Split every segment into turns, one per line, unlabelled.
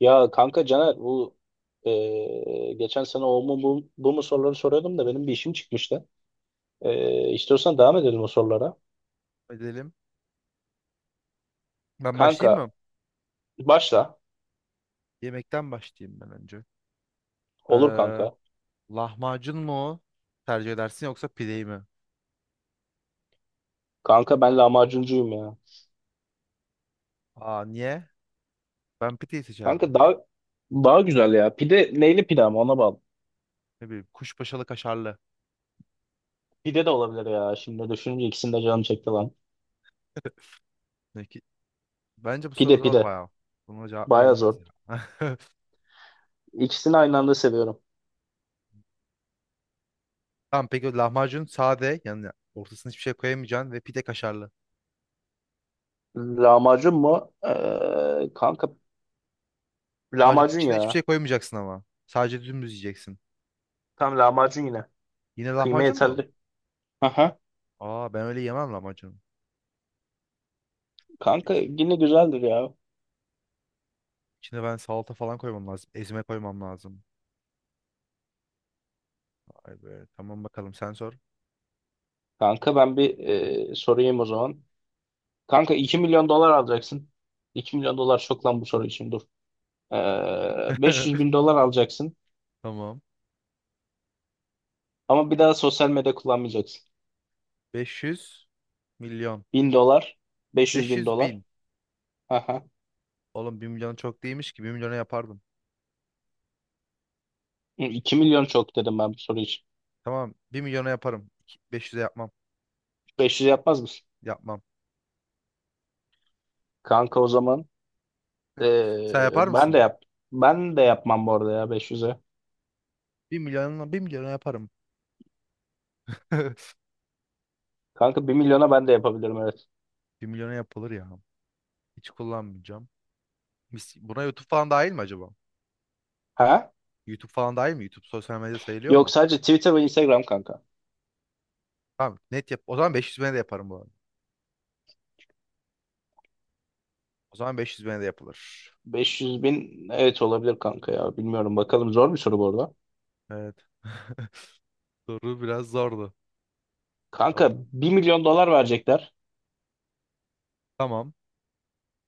Ya kanka Caner, bu geçen sene o mu bu, bu mu soruları soruyordum da benim bir işim çıkmıştı. İstiyorsan devam edelim o sorulara.
Edelim. Ben başlayayım mı?
Kanka, başla.
Yemekten başlayayım ben önce.
Olur,
Ee,
kanka.
lahmacun mu tercih edersin yoksa pideyi mi?
Kanka, ben lahmacuncuyum ya.
Aa niye? Ben pideyi seçerdim.
Kanka, daha güzel ya. Pide neyli pide, ama ona bağlı.
Ne bileyim kuşbaşılı kaşarlı.
Pide de olabilir ya. Şimdi düşününce ikisini de canım çekti lan.
Peki, bence bu
Pide
soru zor
pide.
bayağı. Buna cevap
Baya
verilmez
zor.
ya.
İkisini aynı anda seviyorum.
Tamam peki o lahmacun sade yani ortasına hiçbir şey koyamayacaksın ve pide kaşarlı.
Lahmacun mu? Kanka,
Lahmacunun
lahmacun
içine hiçbir şey
ya.
koymayacaksın ama. Sadece dümdüz yiyeceksin.
Tam lahmacun yine.
Yine
Kıyma
lahmacun mu?
yeterli.
Aa ben öyle yemem lahmacunu.
Kanka,
İç-
yine güzeldir ya.
İçine ben salata falan koymam lazım. Ezme koymam lazım. Vay be. Tamam bakalım sen sor.
Kanka, ben bir sorayım o zaman. Kanka, 2 milyon dolar alacaksın. 2 milyon dolar çok lan, bu soru için dur. Beş yüz bin dolar alacaksın.
Tamam.
Ama bir daha sosyal medya kullanmayacaksın.
500 milyon.
1000 dolar, 500 bin
500
dolar.
bin.
Aha.
Oğlum bir milyon çok değilmiş ki bir milyona yapardım.
2 milyon çok dedim ben bu soru için.
Tamam bir milyona yaparım. 500'e yapmam.
500 yapmaz mısın?
Yapmam.
Kanka, o zaman
Sen yapar
ben de
mısın?
yap. Ben de yapmam bu arada ya beş yüz'e.
Bir milyona bir milyona yaparım.
Kanka, bir milyona ben de yapabilirim, evet.
Bir milyona yapılır ya. Hiç kullanmayacağım. Buna YouTube falan dahil mi acaba?
Ha?
YouTube falan dahil mi? YouTube sosyal medya sayılıyor
Yok,
mu?
sadece Twitter ve Instagram kanka.
Tamam net yap. O zaman 500 bine de yaparım bu arada. O zaman 500 bine de yapılır.
500 bin, evet, olabilir kanka ya. Bilmiyorum, bakalım, zor bir soru bu arada.
Evet. Soru biraz zordu.
Kanka,
Tamam.
bir milyon dolar verecekler
Tamam.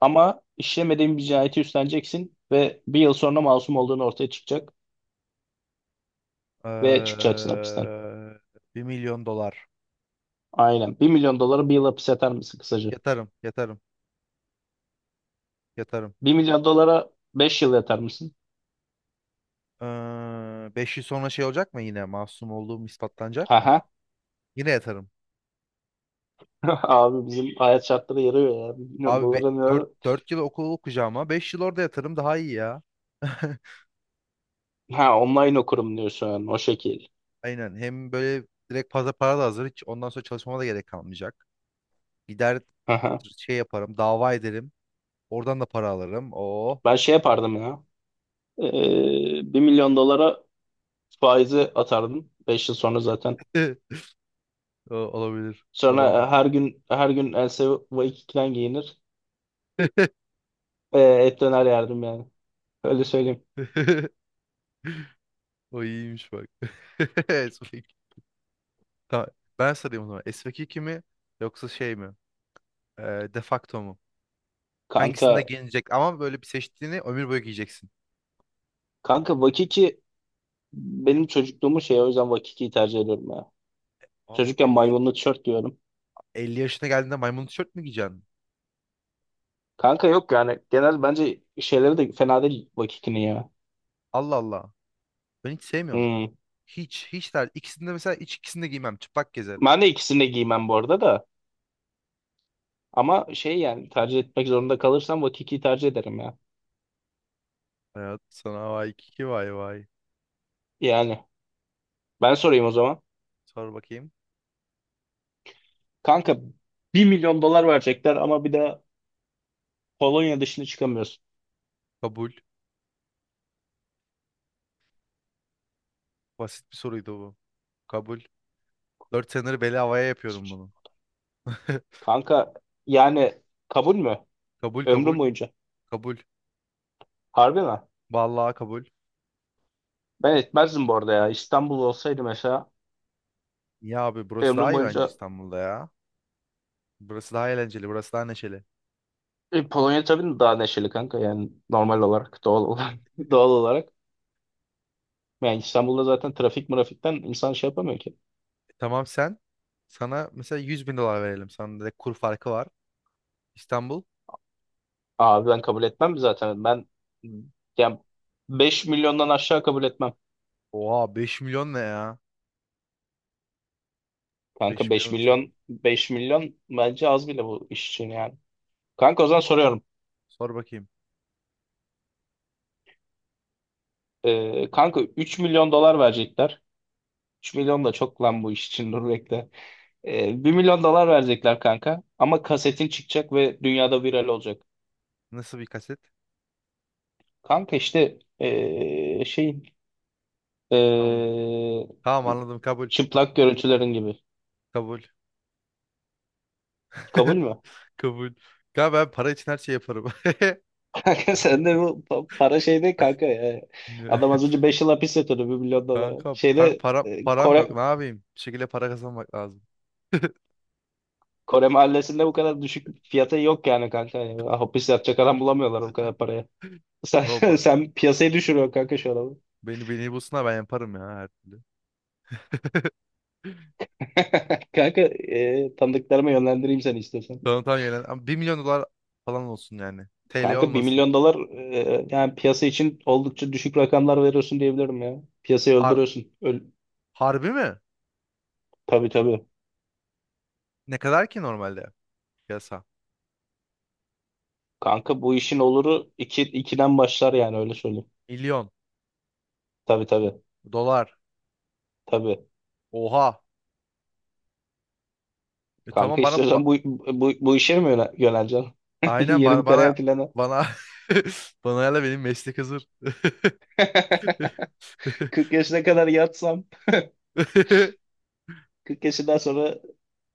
ama işlemediğin bir cinayeti üstleneceksin ve bir yıl sonra masum olduğun ortaya çıkacak ve çıkacaksın hapisten.
Eee 1 milyon dolar.
Aynen, bir milyon dolara bir yıl hapis yatar mısın kısaca?
Yatarım, yatarım, yatarım.
Bir milyon dolara 5 yıl yatar mısın?
5 yıl sonra şey olacak mı yine? Masum olduğum ispatlanacak mı?
Haha.
Yine yatarım.
Abi, bizim hayat şartları yarıyor ya. 1 milyon
Abi
dolara
dört
ne?
dört yıl okul okuyacağıma 5 yıl orada yatarım daha iyi ya.
Ha, online okurum diyorsun yani, o şekil.
Aynen. Hem böyle direkt fazla para da hazır. Hiç ondan sonra çalışmama da gerek kalmayacak. Gider
Haha.
şey yaparım, dava ederim. Oradan da para alırım. Oo.
Ben şey yapardım ya. 1 milyon dolara faizi atardım. 5 yıl sonra zaten.
O olabilir.
Sonra
Olamam.
her gün her gün Else Vakiki'den giyinir. Et döner yerdim yani. Öyle söyleyeyim.
O iyiymiş bak. Tamam, ben sarayım o zaman. SVK mi yoksa şey mi? Ee, de facto mu?
Kanka
Hangisinde giyinecek? Ama böyle bir seçtiğini ömür boyu giyeceksin.
kanka, Vakiki benim çocukluğumun şeyi, o yüzden Vakiki'yi tercih ediyorum ya.
Oğlum,
Çocukken maymunlu tişört giyiyorum.
50 yaşına geldiğinde maymun tişört mü giyeceksin?
Kanka, yok yani, genel bence şeyleri de fena değil Vakiki'nin ya.
Allah Allah. Ben hiç sevmiyorum.
Hmm.
Hiç der. İkisinde mesela hiç ikisinde giymem. Çıplak gezerim.
Ben de ikisini de giymem bu arada da. Ama şey yani, tercih etmek zorunda kalırsam Vakiki'yi tercih ederim ya.
Hayat sana vay kiki vay vay.
Yani, ben sorayım o zaman.
Sor bakayım.
Kanka, bir milyon dolar verecekler ama bir de Polonya dışına çıkamıyorsun.
Kabul. Basit bir soruydu bu. Kabul. 4 senedir beli havaya yapıyorum bunu.
Kanka, yani kabul mü?
Kabul kabul.
Ömrüm boyunca.
Kabul.
Harbi mi?
Vallahi kabul.
Ben etmezdim bu arada ya. İstanbul olsaydı mesela,
Ya abi burası daha
ömrüm
iyi bence
boyunca.
İstanbul'da ya. Burası daha eğlenceli, burası daha neşeli.
Polonya tabii daha neşeli kanka, yani normal olarak, doğal olarak doğal olarak. Yani İstanbul'da zaten trafik mırafikten insan şey yapamıyor ki.
Tamam sen, sana mesela 100 bin dolar verelim. Sana direkt kur farkı var. İstanbul.
Abi, ben kabul etmem zaten. Ben yani 5 milyondan aşağı kabul etmem.
Oha 5 milyon ne ya?
Kanka,
Beş
5
milyon çok.
milyon, beş milyon bence az bile bu iş için yani. Kanka, o zaman soruyorum.
Sor bakayım.
Kanka, 3 milyon dolar verecekler. 3 milyon da çok lan bu iş için, dur bekle. 1 milyon dolar verecekler kanka. Ama kasetin çıkacak ve dünyada viral olacak.
Nasıl bir kaset?
Kanka işte şey
Tamam.
ee,
Tamam anladım kabul.
çıplak görüntülerin gibi.
Kabul.
Kabul mü?
Kabul. Ya ben para için her şey yaparım.
Kanka, sen de bu para şeyde kanka ya.
Ne?
Adam az önce 5 yıl hapis yatıyordu bir milyon dolara.
Kanka, kanka
Şeyde
para, param yok. Ne yapayım? Bir şekilde para kazanmak lazım.
Kore mahallesinde bu kadar düşük fiyata yok yani kanka. Yani hapis yatacak adam bulamıyorlar bu kadar paraya.
Baba,
Sen piyasayı düşürüyorsun kanka, şu adamı.
beni bulsunlar ben yaparım ya her türlü.
Kanka, tanıdıklarıma yönlendireyim seni istiyorsan.
Tamam tamam yönlen. Ama bir milyon dolar falan olsun yani. TL
Kanka, bir
olmasın.
milyon dolar, yani piyasa için oldukça düşük rakamlar veriyorsun diyebilirim ya. Piyasayı
Ar-
öldürüyorsun.
Harbi mi?
Tabii tabii.
Ne kadar ki normalde piyasa?
Kanka, bu işin oluru ikiden başlar yani, öyle söyleyeyim.
Milyon
Tabii tabii.
dolar.
Tabii.
Oha. E tamam
Kanka, istiyorsan bu işe mi yöneleceksin?
aynen
Yeni bir
bana bana
kariyer planı.
bana hala benim meslek hazır.
40 yaşına kadar yatsam, 40 yaşından sonra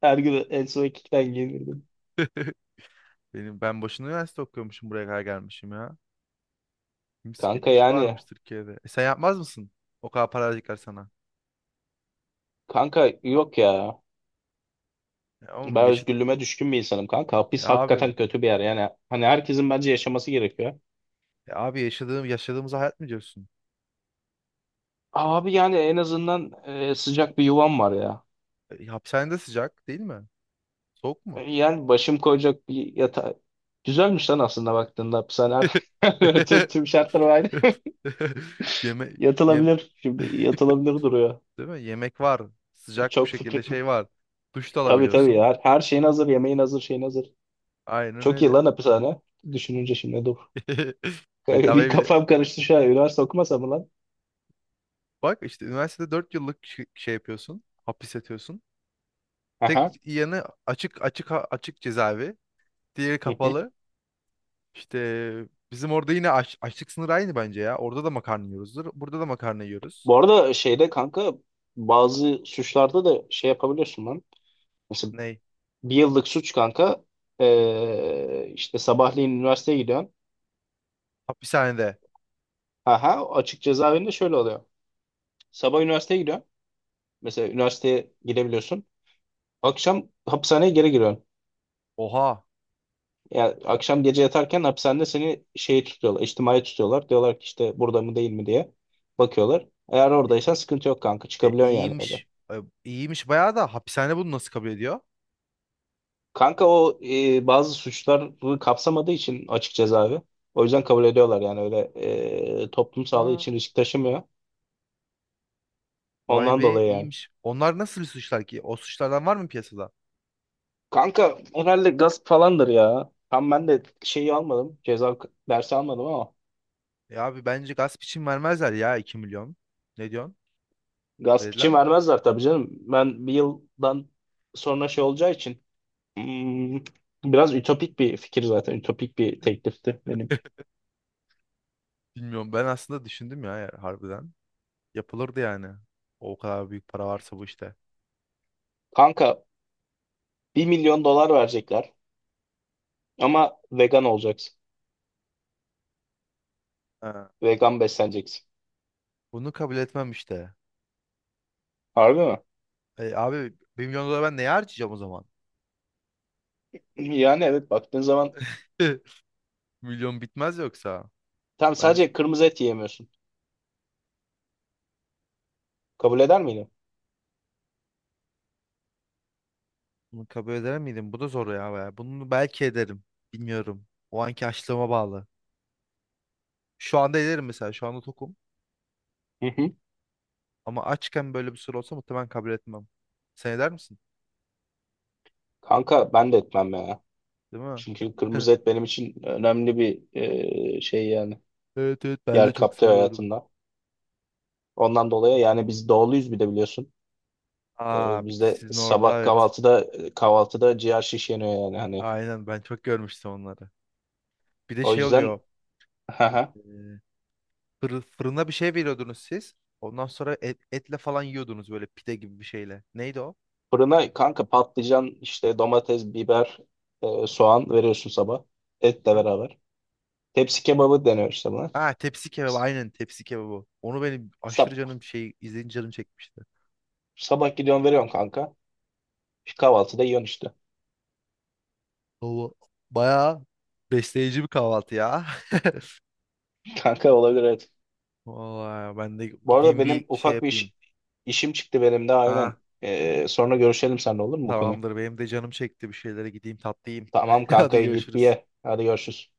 her gün en son iki giyinirdim.
Ben boşuna üniversite okuyormuşum buraya kadar gelmişim ya. Mis gibi
Kanka
iş
yani.
varmış Türkiye'de. E sen yapmaz mısın? O kadar para verecekler sana.
Kanka, yok ya.
E oğlum
Ben
yaşa
özgürlüğüme düşkün bir insanım, kanka.
E
Hapis
abi.
hakikaten kötü bir yer. Yani hani, herkesin bence yaşaması gerekiyor.
E abi yaşadığımız hayat mı diyorsun?
Abi, yani en azından sıcak bir yuvam var ya.
E, hapishanede sıcak değil mi? Soğuk mu?
Yani başım koyacak bir yatağı. Güzelmiş lan aslında baktığında hapishane. Tüm, tüm şartlar aynı.
Yeme yem
Yatılabilir. Şimdi yatılabilir duruyor.
değil mi? Yemek var. Sıcak bir
Çok
şekilde
fikri.
şey var. Duş da
Tabii tabii
alabiliyorsun.
ya. Her şeyin hazır. Yemeğin hazır. Şeyin hazır.
Aynen
Çok iyi
öyle.
lan hapishane. Düşününce şimdi dur. Bir
Bedavaya bile.
kafam karıştı şu an. Üniversite okumasam mı lan?
Bak işte üniversitede 4 yıllık şey yapıyorsun. Hapis yatıyorsun.
Aha.
Tek yanı açık cezaevi. Diğeri kapalı. İşte bizim orada yine açlık sınırı aynı bence ya. Orada da makarna yiyoruzdur. Burada da makarna yiyoruz.
Bu arada şeyde kanka, bazı suçlarda da şey yapabiliyorsun lan. Mesela,
Ney?
bir yıllık suç kanka, işte sabahleyin üniversiteye gidiyorsun.
Hapishanede.
Aha, açık cezaevinde şöyle oluyor. Sabah üniversiteye gidiyorsun. Mesela üniversiteye gidebiliyorsun. Akşam hapishaneye geri giriyorsun.
Oha.
Yani akşam gece yatarken hapishanede seni şeyi tutuyorlar. İçtimai tutuyorlar. Diyorlar ki, işte burada mı değil mi diye bakıyorlar. Eğer oradaysan sıkıntı yok, kanka.
E,
Çıkabiliyorsun yani.
iyiymiş. E, iyiymiş bayağı da hapishane bunu nasıl kabul ediyor?
Kanka, o bazı suçları kapsamadığı için açık cezaevi. O yüzden kabul ediyorlar yani öyle, toplum sağlığı
Aa.
için risk taşımıyor.
Vay
Ondan
be
dolayı yani.
iyiymiş. Onlar nasıl suçlar ki? O suçlardan var mı piyasada?
Kanka, herhalde gasp falandır ya. Tam ben de şeyi almadım. Ceza dersi almadım ama.
Ya abi bence gasp için vermezler ya 2 milyon. Ne diyorsun?
Gasp
Verirler
için
mi?
vermezler tabii canım. Ben bir yıldan sonra şey olacağı için. hmm, Biraz ütopik bir fikir zaten. Ütopik bir teklifti benimki.
Bilmiyorum. Ben aslında düşündüm ya harbiden. Yapılırdı yani. O kadar büyük para varsa bu işte.
Kanka, bir milyon dolar verecekler. Ama vegan olacaksın.
Ha.
Vegan besleneceksin.
Bunu kabul etmem işte.
Harbi mi?
E, abi 1 milyon dolar ben neye harcayacağım o zaman?
Yani evet, baktığın zaman
Milyon bitmez yoksa.
tam
Bence
sadece kırmızı et yiyemiyorsun. Kabul eder miydin?
bunu kabul eder miydim? Bu da zor ya baya. Bunu belki ederim. Bilmiyorum. O anki açlığıma bağlı. Şu anda ederim mesela. Şu anda tokum.
Hı hı.
Ama açken böyle bir soru olsa muhtemelen kabul etmem. Sen eder misin?
Kanka, ben de etmem ya.
Değil mi?
Çünkü kırmızı et benim için önemli bir şey yani.
Evet evet ben de
Yer
çok
kaplıyor
seviyorum.
hayatımda. Ondan dolayı yani, biz doğuluyuz bir de biliyorsun.
Aa bir de
Bizde
sizin orada
sabah
evet.
kahvaltıda ciğer şiş yeniyor yani hani.
Aynen ben çok görmüştüm onları. Bir de
O
şey oluyor.
yüzden haha.
e, fırına bir şey veriyordunuz siz. Ondan sonra etle falan yiyordunuz böyle pide gibi bir şeyle. Neydi o?
Fırına kanka patlıcan işte, domates, biber, soğan veriyorsun sabah. Etle
Ha?
beraber. Tepsi kebabı deniyor işte buna.
Ha tepsi kebabı aynen tepsi kebabı. Onu benim aşırı canım şey izleyince canım çekmişti.
Sabah gidiyorsun veriyorsun kanka. İşte kahvaltıda yiyorsun işte.
O bayağı besleyici bir kahvaltı ya.
Kanka, olabilir evet.
Vallahi ben de
Bu arada
gideyim bir
benim
şey
ufak bir
yapayım.
işim çıktı benim de, aynen.
Ha,
Sonra görüşelim seninle, olur mu bu konuyu?
tamamdır. Benim de canım çekti. Bir şeylere gideyim tatlı yiyeyim.
Tamam
Hadi
kanka, git bir
görüşürüz.
ye. Hadi görüşürüz.